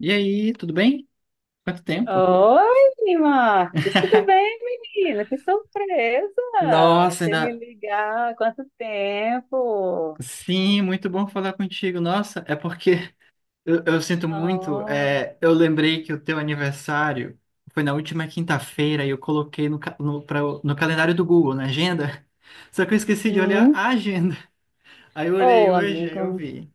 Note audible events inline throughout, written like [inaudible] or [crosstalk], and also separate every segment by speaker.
Speaker 1: E aí, tudo bem? Quanto tempo?
Speaker 2: Oi, Marcos, tudo bem, menina? Que surpresa!
Speaker 1: Nossa,
Speaker 2: Você me
Speaker 1: ainda.
Speaker 2: ligar, há quanto tempo?
Speaker 1: Sim, muito bom falar contigo. Nossa, é porque eu sinto muito.
Speaker 2: Oh,
Speaker 1: Eu lembrei que o teu aniversário foi na última quinta-feira e eu coloquei no calendário do Google, na agenda. [laughs] Só que eu esqueci de olhar
Speaker 2: uhum.
Speaker 1: a agenda. [laughs] Aí eu olhei
Speaker 2: Oh,
Speaker 1: hoje, aí eu
Speaker 2: amigo,
Speaker 1: vi.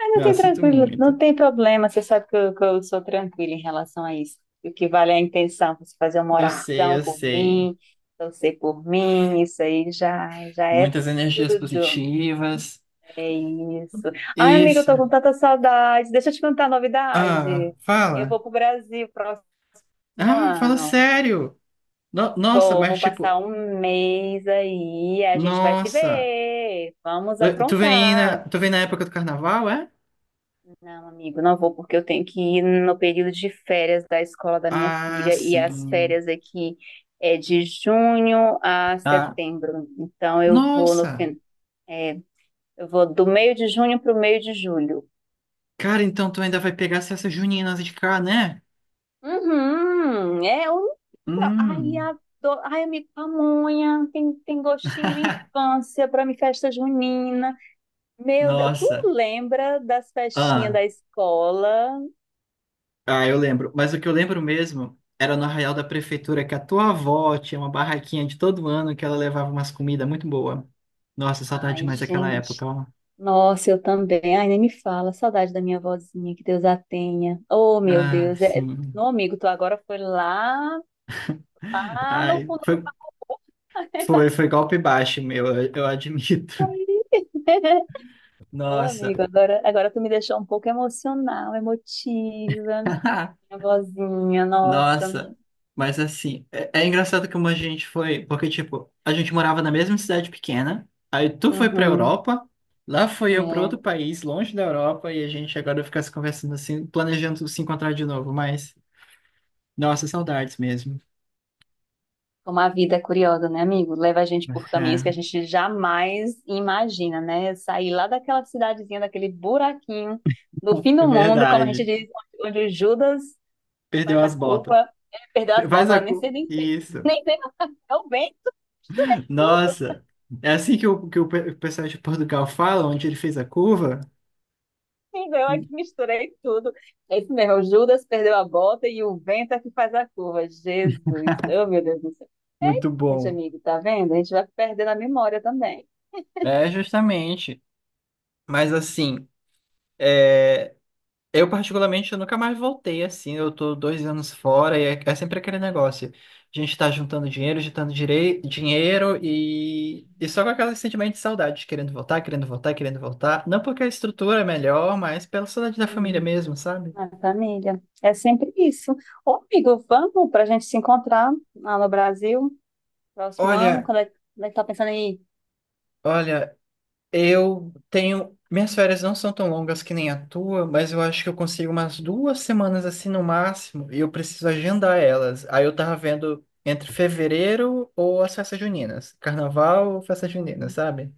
Speaker 2: ah, não
Speaker 1: Não, eu
Speaker 2: tem
Speaker 1: sinto
Speaker 2: tranquilo,
Speaker 1: muito.
Speaker 2: não tem problema, você sabe que eu sou tranquila em relação a isso. O que vale é a intenção, você fazer uma
Speaker 1: Eu sei,
Speaker 2: oração
Speaker 1: eu
Speaker 2: por
Speaker 1: sei.
Speaker 2: mim, torcer por mim, isso aí já é
Speaker 1: Muitas energias
Speaker 2: tudo.
Speaker 1: positivas.
Speaker 2: É isso. Ai, amiga, eu
Speaker 1: Isso.
Speaker 2: tô com tanta saudade. Deixa eu te contar a
Speaker 1: Ah,
Speaker 2: novidade. Eu
Speaker 1: fala.
Speaker 2: vou pro Brasil próximo
Speaker 1: Ah, fala
Speaker 2: ano.
Speaker 1: sério. Nossa,
Speaker 2: Vou
Speaker 1: mas
Speaker 2: passar
Speaker 1: tipo,
Speaker 2: um mês aí, a gente vai se
Speaker 1: nossa!
Speaker 2: ver. Vamos
Speaker 1: Tu vem na,
Speaker 2: aprontar.
Speaker 1: tu vem na época do carnaval, é?
Speaker 2: Não, amigo, não vou porque eu tenho que ir no período de férias da escola da minha
Speaker 1: Ah,
Speaker 2: filha e as
Speaker 1: sim.
Speaker 2: férias aqui é de junho a
Speaker 1: Ah,
Speaker 2: setembro. Então eu vou no
Speaker 1: nossa!
Speaker 2: fim, é, eu vou do meio de junho para o meio de julho.
Speaker 1: Cara, então tu ainda vai pegar as festas juninas de cá, né?
Speaker 2: Uhum, é um. Ai,
Speaker 1: Hum.
Speaker 2: adoro. Ai, amigo pamonha, tem gostinho de
Speaker 1: [laughs]
Speaker 2: infância para mim, festa junina. Meu Deus, tu
Speaker 1: Nossa.
Speaker 2: lembra das festinhas
Speaker 1: Ah,
Speaker 2: da escola?
Speaker 1: ah, eu lembro. Mas o que eu lembro mesmo era no Arraial da Prefeitura, que a tua avó tinha uma barraquinha de todo ano que ela levava umas comidas muito boas. Nossa, saudade
Speaker 2: Ai,
Speaker 1: demais daquela
Speaker 2: gente.
Speaker 1: época, ó.
Speaker 2: Nossa, eu também. Ai, nem me fala. Saudade da minha vozinha que Deus a tenha. Oh, meu
Speaker 1: Ah,
Speaker 2: Deus. É...
Speaker 1: sim.
Speaker 2: Não, amigo, tu agora foi lá no
Speaker 1: Ai,
Speaker 2: fundo do
Speaker 1: foi,
Speaker 2: baú.
Speaker 1: foi, foi golpe baixo, meu, eu admito.
Speaker 2: [laughs]
Speaker 1: [laughs]
Speaker 2: Ô,
Speaker 1: Nossa.
Speaker 2: amigo, agora tu me deixou um pouco emocional, emotiva.
Speaker 1: [laughs]
Speaker 2: Minha vozinha, nossa.
Speaker 1: Nossa, mas assim, é engraçado como a gente foi, porque tipo, a gente morava na mesma cidade pequena, aí tu foi pra
Speaker 2: Uhum.
Speaker 1: Europa, lá fui eu pra outro
Speaker 2: É.
Speaker 1: país, longe da Europa, e a gente agora fica se conversando assim, planejando se encontrar de novo, mas nossa, saudades mesmo.
Speaker 2: Como a vida é curiosa, né, amigo? Leva a gente por caminhos que a
Speaker 1: É,
Speaker 2: gente jamais imagina, né? Sair lá daquela cidadezinha, daquele buraquinho do fim
Speaker 1: é
Speaker 2: do mundo, como a gente
Speaker 1: verdade,
Speaker 2: diz, onde o Judas
Speaker 1: perdeu
Speaker 2: faz a
Speaker 1: as botas.
Speaker 2: curva, ele perdeu as botas, ela nem sei, nem sei,
Speaker 1: Isso.
Speaker 2: nem sei, não, é o vento, misturei tudo.
Speaker 1: Nossa, é assim que o pessoal de Portugal fala, onde ele fez a curva?
Speaker 2: Menina, eu aqui
Speaker 1: Mu-
Speaker 2: misturei tudo. É isso mesmo, o Judas perdeu a bota e o vento é que faz a curva. Jesus, oh meu Deus do céu.
Speaker 1: Muito
Speaker 2: É isso,
Speaker 1: bom.
Speaker 2: amigo, tá vendo? A gente vai perdendo a memória também.
Speaker 1: É, justamente. Mas assim, é, eu particularmente, eu nunca mais voltei assim. Eu tô dois anos fora e é sempre aquele negócio. A gente tá juntando dinheiro, dinheiro e só com aquele sentimento de saudade, querendo voltar, querendo voltar, querendo voltar. Não porque a estrutura é melhor, mas pela saudade da família
Speaker 2: Uhum.
Speaker 1: mesmo, sabe?
Speaker 2: Na família. É sempre isso. Ô, amigo, vamos para a gente se encontrar lá no Brasil, próximo ano,
Speaker 1: Olha,
Speaker 2: quando é que tá pensando em ir?
Speaker 1: olha, eu tenho. Minhas férias não são tão longas que nem a tua, mas eu acho que eu consigo umas duas semanas assim no máximo, e eu preciso agendar elas. Aí eu tava vendo entre fevereiro ou as festas juninas. Carnaval ou festa junina, sabe?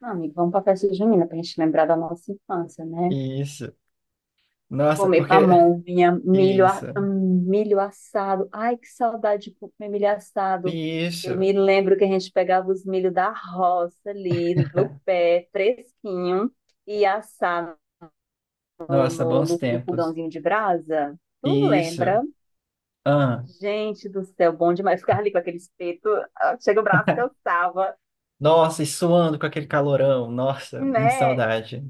Speaker 2: Não, amigo, vamos para a festa junina para a gente lembrar da nossa infância, né?
Speaker 1: Isso. Nossa,
Speaker 2: Comer
Speaker 1: porque.
Speaker 2: pamonha,
Speaker 1: [laughs]
Speaker 2: milho,
Speaker 1: Isso.
Speaker 2: a- hum, milho assado. Ai, que saudade de comer milho assado. Eu
Speaker 1: Isso.
Speaker 2: me lembro que a gente pegava os milho da roça ali, no pé, fresquinho, e assava no,
Speaker 1: Nossa,
Speaker 2: no,
Speaker 1: bons
Speaker 2: no- no
Speaker 1: tempos.
Speaker 2: fogãozinho de brasa. Tu
Speaker 1: Isso.
Speaker 2: lembra?
Speaker 1: Ah.
Speaker 2: Gente do céu, bom demais. Ficava ali com aquele espeto, ah, chega o braço cansava,
Speaker 1: Nossa, e suando com aquele calorão. Nossa, muita
Speaker 2: né?
Speaker 1: saudade.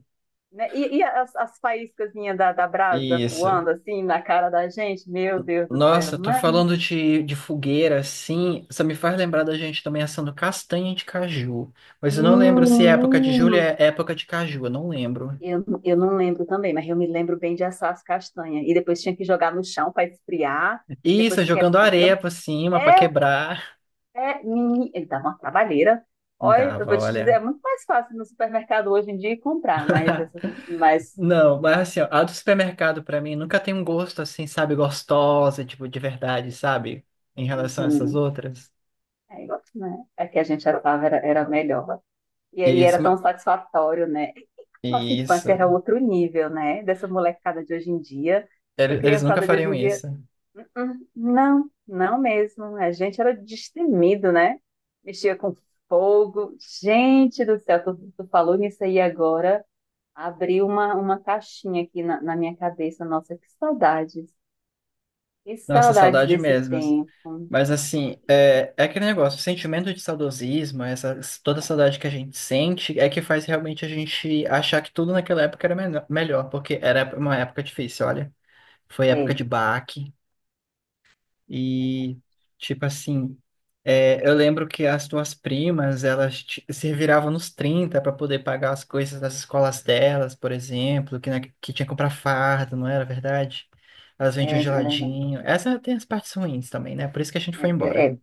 Speaker 2: Né? E as faíscazinhas da brasa
Speaker 1: Isso.
Speaker 2: voando assim na cara da gente, meu Deus do céu,
Speaker 1: Nossa, tô
Speaker 2: mas
Speaker 1: falando de fogueira, assim, só me faz lembrar da gente também assando castanha de caju. Mas eu não lembro se é época de julho,
Speaker 2: menino,
Speaker 1: é época de caju, eu não lembro.
Speaker 2: eu não lembro também, mas eu me lembro bem de assar as castanhas. E depois tinha que jogar no chão para esfriar. E
Speaker 1: Isso, é
Speaker 2: depois que É,
Speaker 1: jogando areia
Speaker 2: então,
Speaker 1: por cima pra
Speaker 2: é,
Speaker 1: quebrar.
Speaker 2: ele dá uma trabalheira. Olha, eu vou
Speaker 1: Dava,
Speaker 2: te dizer,
Speaker 1: olha.
Speaker 2: é muito mais fácil no supermercado hoje em dia comprar,
Speaker 1: [laughs]
Speaker 2: mas
Speaker 1: Não, mas
Speaker 2: essa
Speaker 1: assim, ó, a do supermercado pra mim nunca tem um gosto assim, sabe, gostosa, tipo, de verdade, sabe? Em relação a essas
Speaker 2: uhum.
Speaker 1: outras.
Speaker 2: É, igual, né? É que a gente achava era melhor. E aí era
Speaker 1: Isso,
Speaker 2: tão
Speaker 1: ma-
Speaker 2: satisfatório, né? Nossa infância era
Speaker 1: isso.
Speaker 2: outro nível, né? Dessa molecada de hoje em dia. Essa
Speaker 1: Eles nunca
Speaker 2: criançada de hoje
Speaker 1: fariam
Speaker 2: em dia
Speaker 1: isso.
Speaker 2: Não, não mesmo. A gente era destemido, né? Mexia com fogo. Gente do céu, tu falou nisso aí agora. Abriu uma caixinha aqui na minha cabeça. Nossa, que saudades. Que
Speaker 1: Nossa,
Speaker 2: saudades
Speaker 1: saudade
Speaker 2: desse
Speaker 1: mesmo.
Speaker 2: tempo.
Speaker 1: Mas assim, é aquele negócio, o sentimento de saudosismo, essa, toda a saudade que a gente sente, é que faz realmente a gente achar que tudo naquela época era melhor, porque era uma época difícil, olha. Foi
Speaker 2: É,
Speaker 1: época de baque, e tipo assim, eu lembro que as tuas primas, se viravam nos 30 para poder pagar as coisas das escolas delas, por exemplo, que tinha que comprar farda, não era verdade? Elas vendiam
Speaker 2: verdade. É verdade.
Speaker 1: geladinho. Essa tem as partes ruins também, né? Por isso que a gente
Speaker 2: É,
Speaker 1: foi
Speaker 2: é,
Speaker 1: embora.
Speaker 2: é.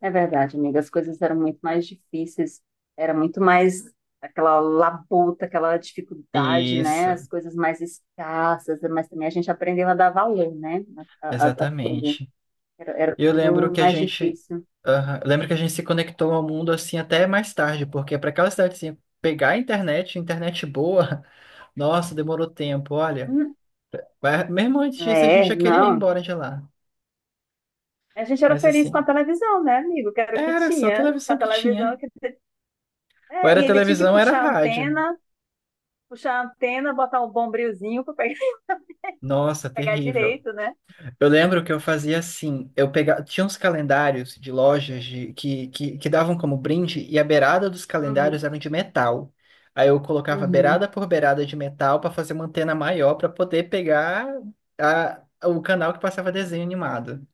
Speaker 2: É verdade, amiga. As coisas eram muito mais difíceis, era muito mais aquela labuta, aquela dificuldade, né?
Speaker 1: Isso,
Speaker 2: As coisas mais escassas, mas também a gente aprendeu a dar valor, né? A tudo.
Speaker 1: exatamente.
Speaker 2: Era
Speaker 1: Eu lembro
Speaker 2: tudo
Speaker 1: que a
Speaker 2: mais
Speaker 1: gente,
Speaker 2: difícil.
Speaker 1: aham, eu lembro que a gente se conectou ao mundo assim até mais tarde, porque para aquela cidade assim, pegar a internet, internet boa, [laughs] nossa, demorou tempo, olha.
Speaker 2: Hum,
Speaker 1: Mas mesmo antes disso a gente
Speaker 2: É,
Speaker 1: já queria ir
Speaker 2: não.
Speaker 1: embora de lá.
Speaker 2: A gente era
Speaker 1: Mas
Speaker 2: feliz
Speaker 1: assim,
Speaker 2: com a televisão, né, amigo? Que era o que
Speaker 1: era só a
Speaker 2: tinha com a
Speaker 1: televisão que
Speaker 2: televisão.
Speaker 1: tinha. Ou
Speaker 2: É,
Speaker 1: era
Speaker 2: e ainda tinha que
Speaker 1: televisão, ou era
Speaker 2: puxar a
Speaker 1: rádio.
Speaker 2: antena, puxar a antena, botar um bombrilzinho para pegar,
Speaker 1: Nossa,
Speaker 2: [laughs] pegar
Speaker 1: terrível.
Speaker 2: direito, né?
Speaker 1: Eu lembro que eu fazia assim, eu pegava, tinha uns calendários de lojas que davam como brinde e a beirada dos
Speaker 2: Uhum,
Speaker 1: calendários eram de metal. Aí eu colocava
Speaker 2: uhum.
Speaker 1: beirada por beirada de metal para fazer uma antena maior para poder pegar a, o canal que passava desenho animado.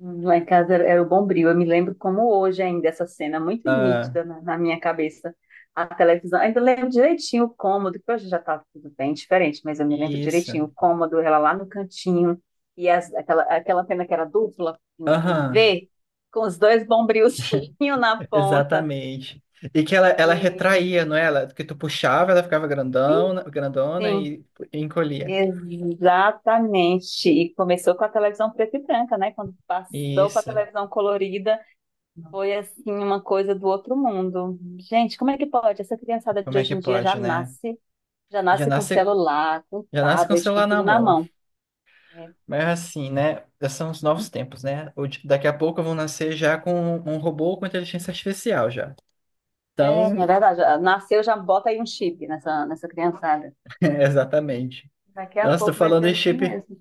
Speaker 2: Lá em casa era o Bombril. Eu me lembro como hoje ainda essa cena muito
Speaker 1: Ah,
Speaker 2: nítida na minha cabeça. A televisão, ainda lembro direitinho o cômodo, que hoje já está tudo bem diferente, mas eu me lembro
Speaker 1: isso.
Speaker 2: direitinho o cômodo, ela lá no cantinho, e aquela antena que era dupla, em
Speaker 1: Aham,
Speaker 2: V, com os dois bombrilzinhos [laughs] na ponta.
Speaker 1: exatamente. E que ela retraía,
Speaker 2: Gente,
Speaker 1: não é? Ela, que tu puxava, ela ficava
Speaker 2: sim,
Speaker 1: grandona, grandona
Speaker 2: sim,
Speaker 1: e encolhia.
Speaker 2: exatamente. E começou com a televisão preta e branca, né? Quando passou para a
Speaker 1: Isso.
Speaker 2: televisão colorida. Foi assim uma coisa do outro mundo. Gente, como é que pode? Essa criançada de
Speaker 1: Como é
Speaker 2: hoje
Speaker 1: que
Speaker 2: em dia já
Speaker 1: pode, né?
Speaker 2: nasce, já
Speaker 1: Já
Speaker 2: nasce com
Speaker 1: nasce
Speaker 2: celular, com
Speaker 1: Já nasce com o
Speaker 2: tablet, com
Speaker 1: celular na
Speaker 2: tudo na
Speaker 1: mão.
Speaker 2: mão. É,
Speaker 1: Mas assim, né? São os novos tempos, né? Daqui a pouco eu vou nascer já com um robô com inteligência artificial já.
Speaker 2: é
Speaker 1: Então,
Speaker 2: verdade. Já nasceu, já bota aí um chip nessa criançada.
Speaker 1: [laughs] é, exatamente.
Speaker 2: Daqui a
Speaker 1: Nossa, tô
Speaker 2: pouco vai ser
Speaker 1: falando em
Speaker 2: assim
Speaker 1: chip.
Speaker 2: mesmo.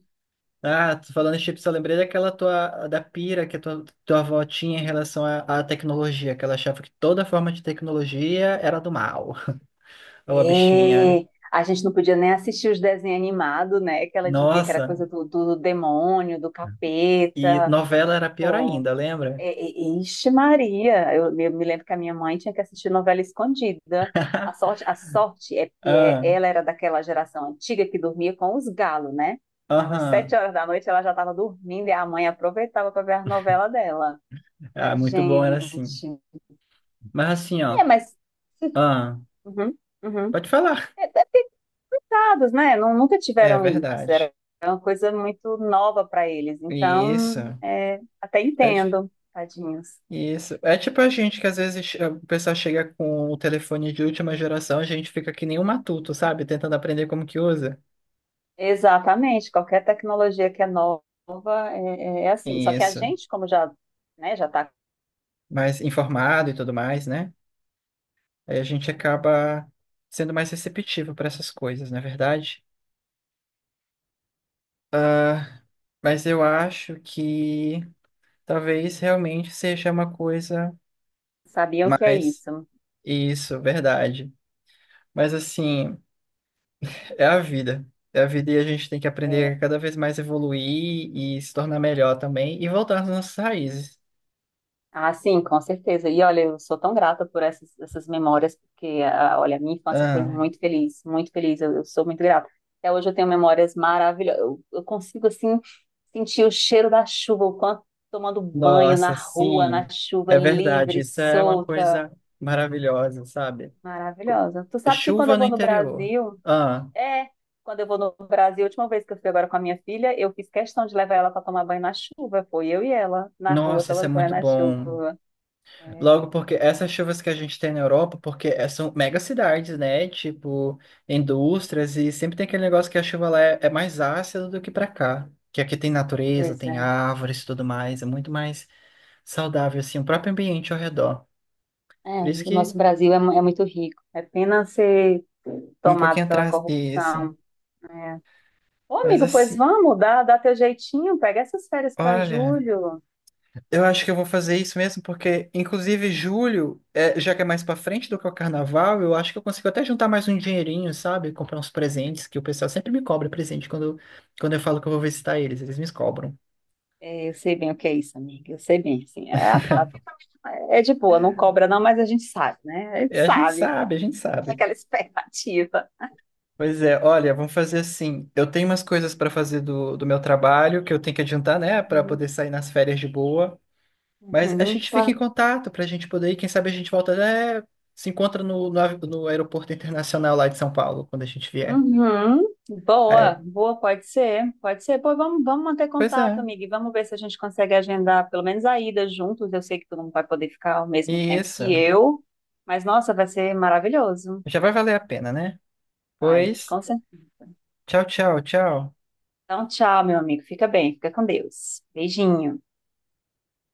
Speaker 1: Ah, tô falando em chip, só lembrei daquela tua, da pira que a tua avó tinha em relação à tecnologia, que ela achava que toda forma de tecnologia era do mal. [laughs] Ou a bichinha.
Speaker 2: É, a gente não podia nem assistir os desenhos animados, né? Que ela dizia que era
Speaker 1: Nossa,
Speaker 2: coisa do, do demônio, do
Speaker 1: e
Speaker 2: capeta.
Speaker 1: novela era pior ainda, lembra?
Speaker 2: Ixi, Maria, eu, me me lembro que a minha mãe tinha que assistir novela escondida.
Speaker 1: [laughs]
Speaker 2: A sorte é porque é-
Speaker 1: Ah,
Speaker 2: ela era daquela geração antiga que dormia com os galos, né? Tava sete
Speaker 1: aham.
Speaker 2: horas da noite, ela já estava dormindo e a mãe aproveitava para ver a novela dela.
Speaker 1: Ah,
Speaker 2: Mas,
Speaker 1: muito bom era assim.
Speaker 2: gente,
Speaker 1: Mas assim,
Speaker 2: é,
Speaker 1: ó.
Speaker 2: mas
Speaker 1: Ah,
Speaker 2: uhum, uhum.
Speaker 1: pode falar.
Speaker 2: É picados, né? Não, nunca
Speaker 1: É
Speaker 2: tiveram isso.
Speaker 1: verdade.
Speaker 2: Era uma coisa muito nova para eles. Então,
Speaker 1: Isso.
Speaker 2: até
Speaker 1: É, ti-
Speaker 2: entendo, tadinhos.
Speaker 1: isso. É tipo a gente que às vezes o pessoal chega com o telefone de última geração, a gente fica que nem um matuto, sabe? Tentando aprender como que usa.
Speaker 2: Exatamente, qualquer tecnologia que é nova é assim. Só que a
Speaker 1: Isso.
Speaker 2: gente, como já, né, já tá,
Speaker 1: Mais informado e tudo mais, né? Aí a gente acaba sendo mais receptivo para essas coisas, não é verdade? Ah, mas eu acho que talvez realmente seja uma coisa
Speaker 2: sabiam que é
Speaker 1: mais.
Speaker 2: isso.
Speaker 1: Isso, verdade. Mas assim. É a vida. É a vida e a gente tem que
Speaker 2: É,
Speaker 1: aprender a cada vez mais evoluir e se tornar melhor também e voltar às nossas raízes.
Speaker 2: ah, sim, com certeza. E olha, eu sou tão grata por essas, essas memórias, porque, ah, olha, a minha infância foi
Speaker 1: Ah,
Speaker 2: muito feliz, eu sou muito grata. Até hoje eu tenho memórias maravilhosas, eu consigo, assim, sentir o cheiro da chuva, o quanto tomando banho na
Speaker 1: nossa,
Speaker 2: rua, na
Speaker 1: sim,
Speaker 2: chuva
Speaker 1: é verdade.
Speaker 2: livre,
Speaker 1: Isso é uma
Speaker 2: solta,
Speaker 1: coisa maravilhosa, sabe? Co-
Speaker 2: maravilhosa. Tu sabe que quando eu
Speaker 1: Chuva no
Speaker 2: vou no
Speaker 1: interior.
Speaker 2: Brasil,
Speaker 1: Ah,
Speaker 2: é, quando eu vou no Brasil, a última vez que eu fui agora com a minha filha, eu fiz questão de levar ela para tomar banho na chuva. Foi eu e ela na rua
Speaker 1: nossa, isso é
Speaker 2: tomando banho
Speaker 1: muito
Speaker 2: na
Speaker 1: bom.
Speaker 2: chuva. É,
Speaker 1: Logo porque essas chuvas que a gente tem na Europa, porque são mega cidades, né? Tipo, indústrias, e sempre tem aquele negócio que a chuva lá é mais ácida do que pra cá. Que aqui tem natureza,
Speaker 2: pois
Speaker 1: tem
Speaker 2: é.
Speaker 1: árvores e tudo mais, é muito mais saudável, assim, o próprio ambiente ao redor.
Speaker 2: É,
Speaker 1: Por isso
Speaker 2: amigo, o
Speaker 1: que
Speaker 2: nosso Brasil é muito rico. É pena ser
Speaker 1: um
Speaker 2: tomado
Speaker 1: pouquinho
Speaker 2: pela
Speaker 1: atrás disso.
Speaker 2: corrupção. É. Ô,
Speaker 1: Mas
Speaker 2: amigo, pois
Speaker 1: assim,
Speaker 2: vamos, dá teu jeitinho, pega essas férias para
Speaker 1: olha.
Speaker 2: julho.
Speaker 1: Eu acho que eu vou fazer isso mesmo, porque, inclusive, julho, é, já que é mais pra frente do que o carnaval, eu acho que eu consigo até juntar mais um dinheirinho, sabe? Comprar uns presentes, que o pessoal sempre me cobra presente quando eu falo que eu vou visitar eles, eles me cobram.
Speaker 2: É, eu sei bem o que é isso, amiga. Eu sei bem, assim. É, a Fábio é de boa, não cobra não, mas a gente sabe, né? A gente
Speaker 1: É,
Speaker 2: sabe.
Speaker 1: a gente
Speaker 2: É
Speaker 1: sabe.
Speaker 2: aquela [laughs] expectativa.
Speaker 1: Pois é, olha, vamos fazer assim. Eu tenho umas coisas pra fazer do meu trabalho que eu tenho que adiantar, né, pra
Speaker 2: Uhum.
Speaker 1: poder sair nas férias de boa. Mas a
Speaker 2: Uhum,
Speaker 1: gente fica em
Speaker 2: claro.
Speaker 1: contato pra gente poder ir, quem sabe a gente volta, né, se encontra no aeroporto internacional lá de São Paulo, quando a gente vier.
Speaker 2: Uhum. Boa,
Speaker 1: É,
Speaker 2: boa, pode ser, pode ser. Pô, vamos, vamos manter
Speaker 1: Pois
Speaker 2: contato,
Speaker 1: é,
Speaker 2: amiga, e vamos ver se a gente consegue agendar pelo menos a ida juntos. Eu sei que tu não vai poder ficar ao mesmo tempo
Speaker 1: isso.
Speaker 2: que eu, mas nossa, vai ser maravilhoso.
Speaker 1: Já vai valer a pena, né?
Speaker 2: Vai,
Speaker 1: Pois,
Speaker 2: com certeza.
Speaker 1: tchau.
Speaker 2: Então, tchau, meu amigo. Fica bem, fica com Deus. Beijinho.